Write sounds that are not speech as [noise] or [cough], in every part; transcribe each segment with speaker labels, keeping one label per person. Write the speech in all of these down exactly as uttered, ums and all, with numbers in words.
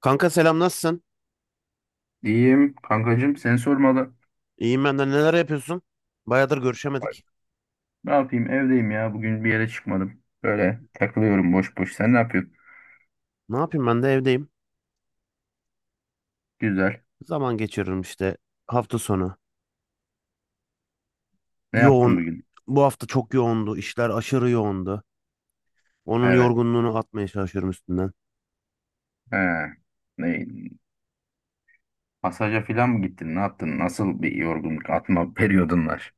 Speaker 1: Kanka selam nasılsın?
Speaker 2: İyiyim kankacığım seni sormalı.
Speaker 1: İyiyim ben de. Neler yapıyorsun? Bayağıdır görüşemedik.
Speaker 2: Ne yapayım evdeyim ya, bugün bir yere çıkmadım. Böyle takılıyorum boş boş. Sen ne yapıyorsun?
Speaker 1: Ne yapayım ben de evdeyim.
Speaker 2: Güzel.
Speaker 1: Zaman geçiririm işte hafta sonu.
Speaker 2: Ne yaptın
Speaker 1: Yoğun.
Speaker 2: bugün?
Speaker 1: Bu hafta çok yoğundu. İşler aşırı yoğundu. Onun
Speaker 2: Evet.
Speaker 1: yorgunluğunu atmaya çalışıyorum üstünden.
Speaker 2: He. Ne? Masaja falan mı gittin? Ne yaptın? Nasıl bir yorgunluk atma [laughs] periyodun var?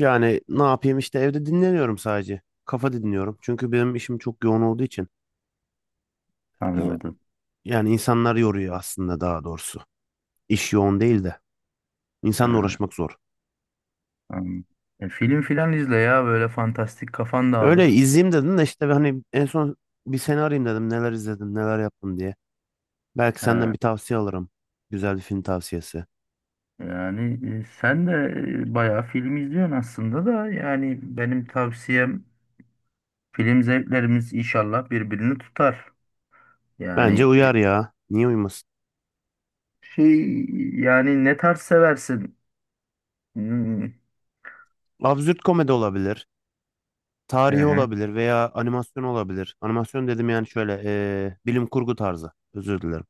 Speaker 1: Yani ne yapayım işte evde dinleniyorum sadece. Kafa dinliyorum. Çünkü benim işim çok yoğun olduğu için. e,
Speaker 2: Anladım.
Speaker 1: Yani insanlar yoruyor aslında daha doğrusu. İş yoğun değil de.
Speaker 2: He,
Speaker 1: İnsanla uğraşmak zor.
Speaker 2: anladım. E, film filan izle ya, böyle fantastik kafan
Speaker 1: Öyle
Speaker 2: dağılır.
Speaker 1: izleyeyim dedim de işte hani en son bir seni arayayım dedim. Neler izledim neler yaptım diye. Belki senden
Speaker 2: He,
Speaker 1: bir tavsiye alırım. Güzel bir film tavsiyesi.
Speaker 2: yani e, sen de e, bayağı film izliyorsun aslında da, yani benim tavsiyem, film zevklerimiz inşallah birbirini tutar.
Speaker 1: Bence
Speaker 2: Yani e,
Speaker 1: uyar ya. Niye uymasın?
Speaker 2: şey yani ne tarz seversin? Hmm.
Speaker 1: Absürt komedi olabilir.
Speaker 2: Hı
Speaker 1: Tarihi
Speaker 2: hı.
Speaker 1: olabilir veya animasyon olabilir. Animasyon dedim yani şöyle eee, bilim kurgu tarzı. Özür dilerim.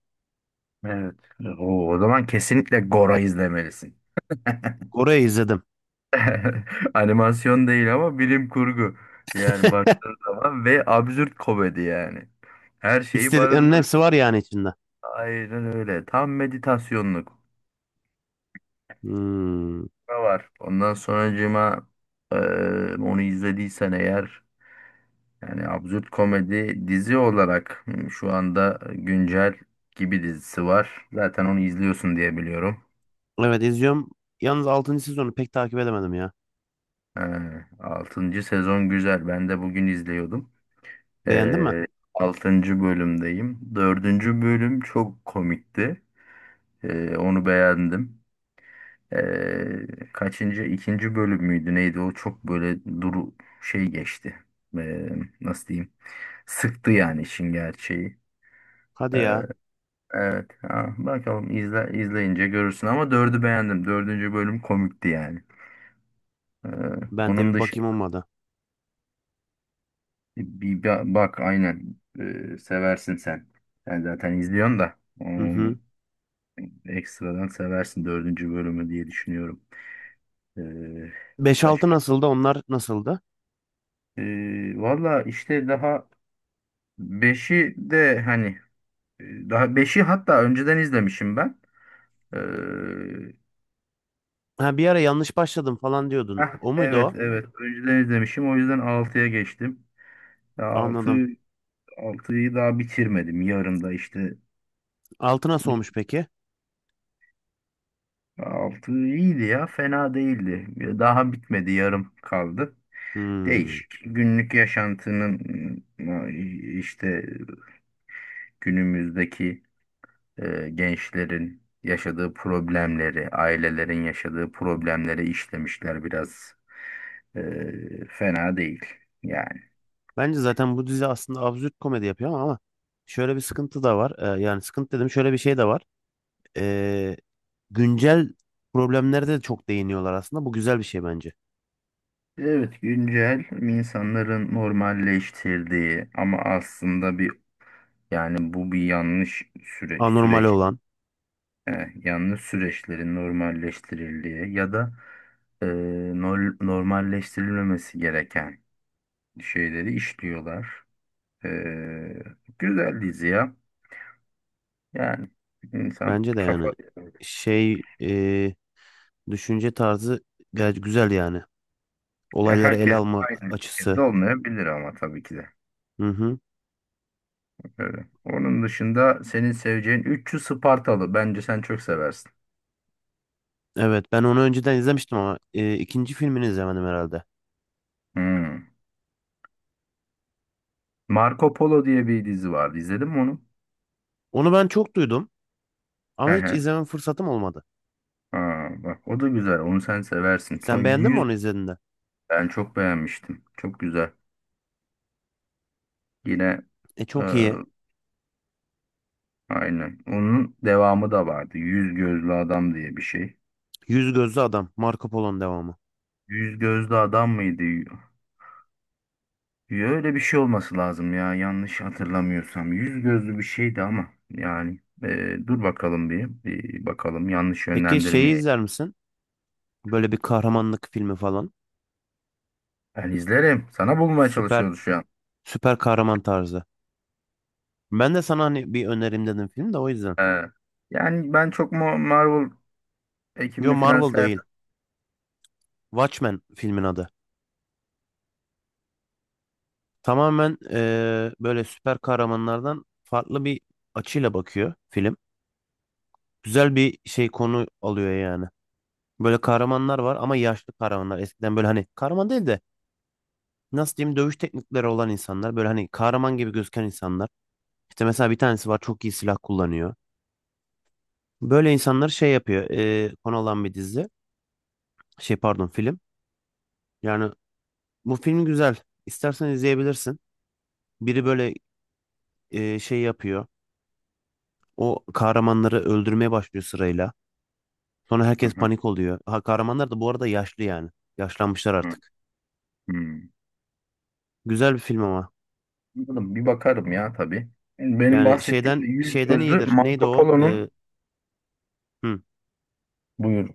Speaker 2: Evet. O, o zaman kesinlikle Gora izlemelisin. [laughs]
Speaker 1: Kore'yi izledim.
Speaker 2: Animasyon değil ama bilim kurgu. Yani baktığın zaman ve absürt komedi yani. Her şeyi
Speaker 1: İstediklerimin
Speaker 2: barındırıyor.
Speaker 1: hepsi var yani içinde.
Speaker 2: Aynen öyle. Tam meditasyonluk.
Speaker 1: Hmm.
Speaker 2: Ne var? Ondan sonracığıma eee onu izlediysen eğer. Yani absürt komedi dizi olarak, hmm, şu anda güncel gibi dizisi var. Zaten onu izliyorsun diye biliyorum.
Speaker 1: Evet izliyorum. Yalnız altıncı sezonu pek takip edemedim ya.
Speaker 2: Altıncı sezon güzel. Ben de bugün izliyordum.
Speaker 1: Beğendin mi?
Speaker 2: Ee, altıncı bölümdeyim. Dördüncü bölüm çok komikti. Ee, onu beğendim. Ee, kaçıncı? İkinci bölüm müydü neydi? O çok böyle duru şey geçti. Ee, nasıl diyeyim? Sıktı yani işin gerçeği.
Speaker 1: Hadi ya.
Speaker 2: Evet. Ha, bakalım, izle, izleyince görürsün ama dördü beğendim. Dördüncü bölüm komikti yani. Ee,
Speaker 1: Ben de
Speaker 2: onun
Speaker 1: bir
Speaker 2: dışı
Speaker 1: bakayım olmadı.
Speaker 2: bir ba- bak aynen, Ee, seversin sen. Sen zaten izliyorsun da,
Speaker 1: Hı hı.
Speaker 2: hmm, ekstradan seversin dördüncü bölümü diye düşünüyorum. Ee,
Speaker 1: beş altı
Speaker 2: başka?
Speaker 1: nasıldı? Onlar nasıldı?
Speaker 2: Ee, valla işte daha beşi de hani, e, daha beşi hatta önceden izlemişim ben. Ee,
Speaker 1: Ha bir ara yanlış başladım falan diyordun.
Speaker 2: heh,
Speaker 1: O muydu
Speaker 2: evet
Speaker 1: o?
Speaker 2: evet önceden izlemişim, o yüzden altıya geçtim. altı
Speaker 1: Anladım.
Speaker 2: Altıyı daha bitirmedim. Yarım da işte.
Speaker 1: Altı nasıl olmuş peki?
Speaker 2: Altı iyiydi ya. Fena değildi. Daha bitmedi. Yarım kaldı.
Speaker 1: Hmm.
Speaker 2: Değişik. Günlük yaşantının işte günümüzdeki e, gençlerin yaşadığı problemleri, ailelerin yaşadığı problemleri işlemişler biraz. E, fena değil. Yani.
Speaker 1: Bence zaten bu dizi aslında absürt komedi yapıyor ama ama şöyle bir sıkıntı da var. Ee, yani sıkıntı dedim şöyle bir şey de var. Ee, Güncel problemlere de çok değiniyorlar aslında. Bu güzel bir şey bence.
Speaker 2: Evet, güncel insanların normalleştirdiği ama aslında bir yani bu bir yanlış süre,
Speaker 1: Anormal
Speaker 2: süreç.
Speaker 1: olan.
Speaker 2: E, yalnız süreçlerin normalleştirildiği ya da, e, nol- normalleştirilmemesi gereken şeyleri işliyorlar. E, güzel dizi ya. Yani insan
Speaker 1: Bence de yani
Speaker 2: kafa.
Speaker 1: şey e, düşünce tarzı gayet güzel yani.
Speaker 2: Ya
Speaker 1: Olayları ele
Speaker 2: herkes
Speaker 1: alma
Speaker 2: aynı ülkede
Speaker 1: açısı.
Speaker 2: olmayabilir ama tabii ki de.
Speaker 1: Hı hı.
Speaker 2: Öyle. Onun dışında senin seveceğin üç yüz Spartalı. Bence sen çok seversin.
Speaker 1: Evet ben onu önceden izlemiştim ama e, ikinci filmini izlemedim herhalde.
Speaker 2: Hmm. Marco Polo diye bir dizi vardı. İzledin mi onu?
Speaker 1: Onu ben çok duydum
Speaker 2: He
Speaker 1: ama hiç
Speaker 2: he.
Speaker 1: izleme fırsatım olmadı.
Speaker 2: Aa, bak, o da güzel. Onu sen seversin. Son.
Speaker 1: Sen beğendin mi onu izlediğinde?
Speaker 2: Ben çok beğenmiştim. Çok güzel. Yine,
Speaker 1: E
Speaker 2: e,
Speaker 1: çok iyi.
Speaker 2: aynen. Onun devamı da vardı. Yüz gözlü adam diye bir şey.
Speaker 1: Yüz Gözlü Adam. Marco Polo'nun devamı.
Speaker 2: Yüz gözlü adam mıydı? Y- Öyle bir şey olması lazım ya. Yanlış hatırlamıyorsam. Yüz gözlü bir şeydi ama yani e, dur bakalım, bir, bir bakalım, yanlış
Speaker 1: Peki şeyi
Speaker 2: yönlendirmeye.
Speaker 1: izler misin? Böyle bir kahramanlık filmi falan.
Speaker 2: Ben izlerim. Sana bulmaya
Speaker 1: Süper
Speaker 2: çalışıyoruz şu an.
Speaker 1: süper kahraman tarzı. Ben de sana hani bir önerim dedim film de o yüzden.
Speaker 2: E, yani ben çok Mo- Marvel
Speaker 1: Yo
Speaker 2: ekibini filan
Speaker 1: Marvel
Speaker 2: sevmem.
Speaker 1: değil. Watchmen filmin adı. Tamamen eee, böyle süper kahramanlardan farklı bir açıyla bakıyor film. Güzel bir şey konu alıyor yani. Böyle kahramanlar var ama yaşlı kahramanlar. Eskiden böyle hani kahraman değil de nasıl diyeyim dövüş teknikleri olan insanlar böyle hani kahraman gibi gözüken insanlar. İşte mesela bir tanesi var çok iyi silah kullanıyor. Böyle insanlar şey yapıyor. E, konu olan bir dizi. Şey pardon film. Yani bu film güzel. İstersen izleyebilirsin. Biri böyle e, şey yapıyor. O kahramanları öldürmeye başlıyor sırayla. Sonra
Speaker 2: Hı
Speaker 1: herkes
Speaker 2: hı,
Speaker 1: panik oluyor. Ha, kahramanlar da bu arada yaşlı yani. Yaşlanmışlar
Speaker 2: hı,
Speaker 1: artık.
Speaker 2: hı.
Speaker 1: Güzel bir film ama.
Speaker 2: Anladım. Bir bakarım ya tabii. Benim
Speaker 1: Yani
Speaker 2: bahsettiğim de
Speaker 1: şeyden
Speaker 2: yüz
Speaker 1: şeyden
Speaker 2: gözlü
Speaker 1: iyidir. Neydi
Speaker 2: Marco
Speaker 1: o?
Speaker 2: Polo'nun.
Speaker 1: E, hı,
Speaker 2: Buyur.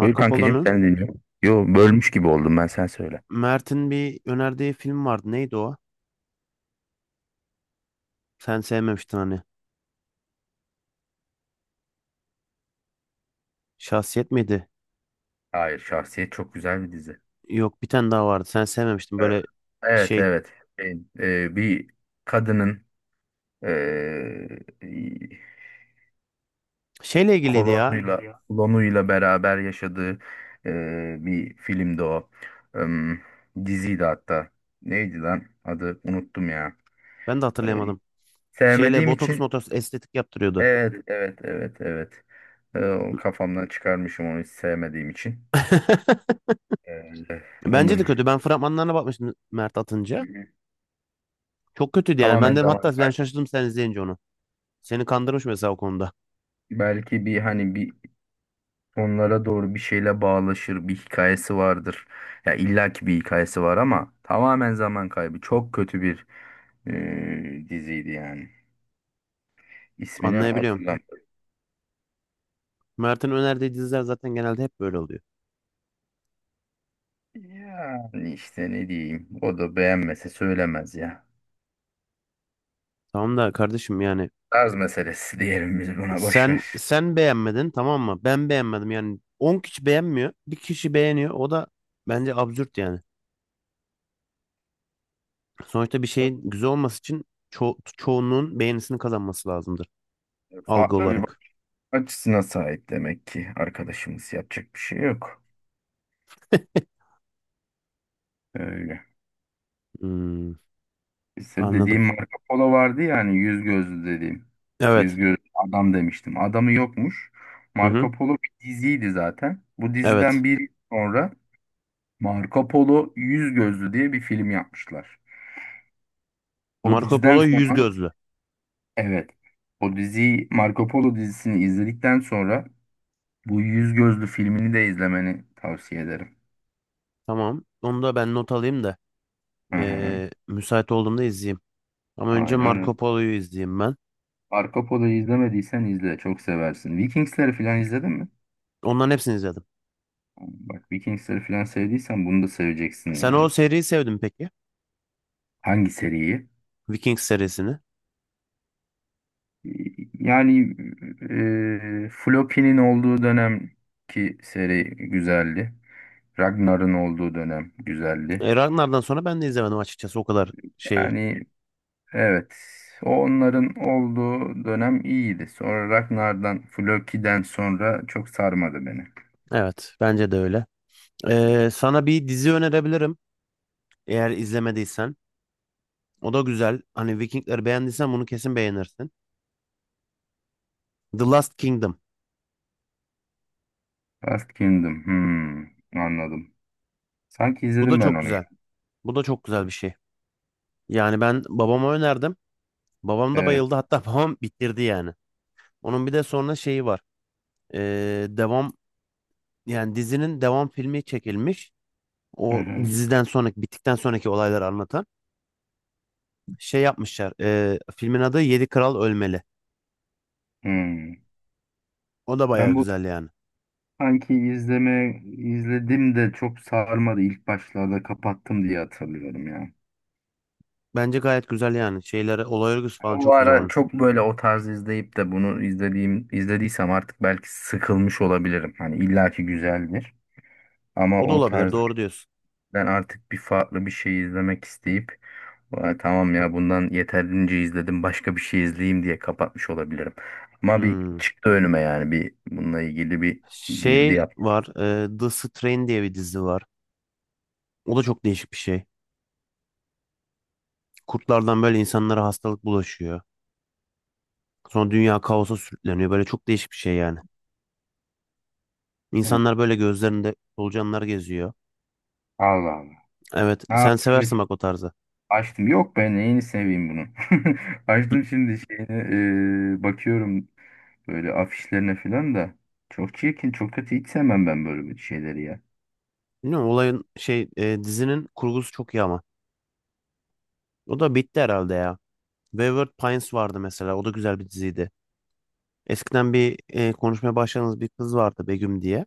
Speaker 2: Buyur kankicim,
Speaker 1: Polo'nun
Speaker 2: sen dinliyorum. Yo, bölmüş gibi oldum, ben sen söyle.
Speaker 1: Mert'in bir önerdiği film vardı. Neydi o? Sen sevmemiştin hani. Şahsiyet miydi?
Speaker 2: Hayır, Şahsiyet çok güzel bir dizi.
Speaker 1: Yok bir tane daha vardı. Sen sevmemiştin
Speaker 2: Ee,
Speaker 1: böyle
Speaker 2: Evet,
Speaker 1: şey.
Speaker 2: evet. Şey, e, bir kadının, e,
Speaker 1: Şeyle ilgiliydi ya.
Speaker 2: kolonuyla kolonuyla beraber yaşadığı e, bir filmdi o. Em, diziydi hatta. Neydi lan? Adı unuttum ya.
Speaker 1: Ben de
Speaker 2: E,
Speaker 1: hatırlayamadım. Şeyle
Speaker 2: sevmediğim
Speaker 1: botoks
Speaker 2: için.
Speaker 1: motoks estetik yaptırıyordu.
Speaker 2: Evet, evet, evet, evet. Ee, o kafamdan çıkarmışım onu, hiç sevmediğim için.
Speaker 1: [laughs]
Speaker 2: Ee,
Speaker 1: Bence de
Speaker 2: onu
Speaker 1: kötü. Ben fragmanlarına bakmıştım Mert atınca.
Speaker 2: [laughs]
Speaker 1: Çok kötüydü yani. Ben
Speaker 2: tamamen
Speaker 1: de
Speaker 2: zaman
Speaker 1: hatta ben
Speaker 2: kaybı.
Speaker 1: şaşırdım sen izleyince onu. Seni kandırmış mesela o konuda.
Speaker 2: Belki bir hani bir onlara doğru bir şeyle bağlaşır bir hikayesi vardır. Ya illaki bir hikayesi var ama tamamen zaman kaybı. Çok kötü bir e, diziydi yani. İsmini
Speaker 1: Anlayabiliyorum.
Speaker 2: hatırlamıyorum.
Speaker 1: Mert'in önerdiği diziler zaten genelde hep böyle oluyor.
Speaker 2: Yani işte ne diyeyim. O da beğenmese söylemez ya.
Speaker 1: Tamam da kardeşim yani
Speaker 2: Tarz meselesi [laughs] diyelim biz buna, boş ver.
Speaker 1: sen sen beğenmedin tamam mı? Ben beğenmedim yani on kişi beğenmiyor. Bir kişi beğeniyor. O da bence absürt yani. Sonuçta bir şeyin güzel olması için ço çoğunluğun beğenisini kazanması lazımdır algı
Speaker 2: Farklı bir
Speaker 1: olarak.
Speaker 2: açısına sahip demek ki arkadaşımız, yapacak bir şey yok. Öyle.
Speaker 1: Hmm,
Speaker 2: İşte
Speaker 1: anladım.
Speaker 2: dediğim Marco Polo vardı ya, hani yüz gözlü dediğim. Yüz
Speaker 1: Evet.
Speaker 2: gözlü adam demiştim. Adamı yokmuş.
Speaker 1: Hı hı.
Speaker 2: Marco Polo bir diziydi zaten. Bu
Speaker 1: Evet.
Speaker 2: diziden bir sonra Marco Polo Yüz Gözlü diye bir film yapmışlar. O
Speaker 1: Marco
Speaker 2: diziden
Speaker 1: Polo yüz
Speaker 2: sonra,
Speaker 1: gözlü.
Speaker 2: evet, o diziyi, Marco Polo dizisini izledikten sonra bu Yüz Gözlü filmini de izlemeni tavsiye ederim.
Speaker 1: Tamam. Onu da ben not alayım da
Speaker 2: Hı hı,
Speaker 1: ee, müsait olduğumda izleyeyim. Ama önce Marco
Speaker 2: aynen.
Speaker 1: Polo'yu izleyeyim ben.
Speaker 2: Arka Polo'yu izlemediysen izle. Çok seversin. Vikingsleri falan izledin mi?
Speaker 1: Onların hepsini izledim.
Speaker 2: Bak, Vikingsleri falan sevdiysen bunu da seveceksin
Speaker 1: Sen o
Speaker 2: yani.
Speaker 1: seriyi sevdin peki?
Speaker 2: Hangi seriyi?
Speaker 1: Vikings serisini.
Speaker 2: Yani e, Floki'nin olduğu dönem ki seri güzeldi. Ragnar'ın olduğu dönem güzeldi.
Speaker 1: E, Ragnar'dan sonra ben de izlemedim açıkçası o kadar şeyi.
Speaker 2: Yani evet, onların olduğu dönem iyiydi. Sonra Ragnar'dan, Floki'den sonra çok sarmadı beni.
Speaker 1: Evet, bence de öyle. E, sana bir dizi önerebilirim eğer izlemediysen. O da güzel. Hani Vikingleri beğendiysen bunu kesin beğenirsin. The Last Kingdom.
Speaker 2: Last Kingdom. Hmm, anladım. Sanki
Speaker 1: Bu da
Speaker 2: izledim ben
Speaker 1: çok
Speaker 2: onu ya.
Speaker 1: güzel. Bu da çok güzel bir şey. Yani ben babama önerdim. Babam da
Speaker 2: Evet.
Speaker 1: bayıldı. Hatta [laughs] babam bitirdi yani. Onun bir de sonra şeyi var. E, Devam yani dizinin devam filmi çekilmiş.
Speaker 2: Hı
Speaker 1: O
Speaker 2: hı.
Speaker 1: diziden sonraki bittikten sonraki olayları anlatan şey yapmışlar. E, filmin adı Yedi Kral Ölmeli.
Speaker 2: Hmm.
Speaker 1: O da
Speaker 2: Ben
Speaker 1: bayağı
Speaker 2: bu
Speaker 1: güzel yani.
Speaker 2: sanki izleme izledim de çok sarmadı. İlk başlarda kapattım diye hatırlıyorum ya.
Speaker 1: Bence gayet güzel yani. Şeyleri, olay örgüsü falan
Speaker 2: O
Speaker 1: çok güzel
Speaker 2: ara
Speaker 1: onun.
Speaker 2: çok böyle o tarz izleyip de bunu izlediğim izlediysem artık, belki sıkılmış olabilirim. Hani illaki güzeldir. Ama
Speaker 1: O da
Speaker 2: o
Speaker 1: olabilir.
Speaker 2: tarz
Speaker 1: Doğru diyorsun.
Speaker 2: ben artık bir farklı bir şey izlemek isteyip, "Vay, tamam ya, bundan yeterince izledim, başka bir şey izleyeyim" diye kapatmış olabilirim. Ama bir
Speaker 1: Hmm.
Speaker 2: çıktı önüme, yani bir bununla ilgili bir girdi
Speaker 1: Şey
Speaker 2: yaptım.
Speaker 1: var. e, The Strain diye bir dizi var. O da çok değişik bir şey. Kurtlardan böyle insanlara hastalık bulaşıyor. Sonra dünya kaosa sürükleniyor. Böyle çok değişik bir şey yani.
Speaker 2: Hı.
Speaker 1: İnsanlar böyle gözlerinde solucanlar geziyor.
Speaker 2: Allah Allah.
Speaker 1: Evet,
Speaker 2: Ha,
Speaker 1: sen
Speaker 2: evet.
Speaker 1: seversin bak o tarzı.
Speaker 2: Açtım. Yok, ben neyini seveyim bunu. [laughs]
Speaker 1: Hı.
Speaker 2: Açtım şimdi şeyini, e, bakıyorum böyle afişlerine falan da. Çok çirkin, çok kötü. Hiç sevmem ben böyle bir şeyleri ya.
Speaker 1: Bilmiyorum olayın şey e, dizinin kurgusu çok iyi ama. O da bitti herhalde ya. Wayward Pines vardı mesela. O da güzel bir diziydi. Eskiden bir e, konuşmaya başladığımız bir kız vardı Begüm diye.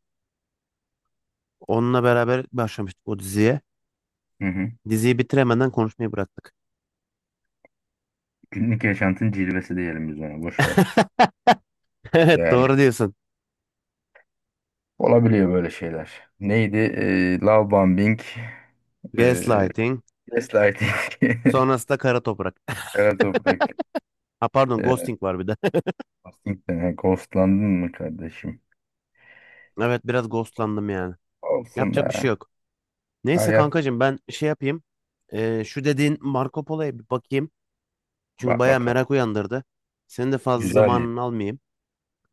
Speaker 1: Onunla beraber başlamıştık o diziye.
Speaker 2: Hı hı.
Speaker 1: Diziyi bitiremeden konuşmayı bıraktık.
Speaker 2: Günlük yaşantın cilvesi diyelim biz ona. Boş ver.
Speaker 1: [laughs] Evet
Speaker 2: Yani
Speaker 1: doğru diyorsun.
Speaker 2: olabiliyor böyle şeyler. Neydi? E, love bombing, e,
Speaker 1: Gaslighting.
Speaker 2: gaslighting,
Speaker 1: Sonrasında kara toprak.
Speaker 2: [laughs]
Speaker 1: [laughs]
Speaker 2: kara toprak,
Speaker 1: Ha pardon
Speaker 2: e,
Speaker 1: ghosting var bir de. [laughs]
Speaker 2: ghosting'den. Ha, Ghostlandın mı kardeşim?
Speaker 1: Evet biraz ghostlandım yani.
Speaker 2: Olsun
Speaker 1: Yapacak bir şey
Speaker 2: be.
Speaker 1: yok. Neyse
Speaker 2: Hayat,
Speaker 1: kankacığım ben şey yapayım. E, şu dediğin Marco Polo'ya bir bakayım. Çünkü
Speaker 2: bak
Speaker 1: bayağı
Speaker 2: bakalım.
Speaker 1: merak uyandırdı. Senin de fazla
Speaker 2: Güzeldi.
Speaker 1: zamanını almayayım.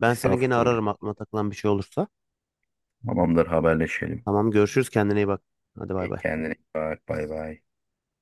Speaker 1: Ben seni gene
Speaker 2: Estağfurullah.
Speaker 1: ararım aklıma takılan bir şey olursa.
Speaker 2: Tamamdır, haberleşelim.
Speaker 1: Tamam görüşürüz kendine iyi bak. Hadi bay
Speaker 2: E,
Speaker 1: bay.
Speaker 2: kendine iyi bak, bay bay.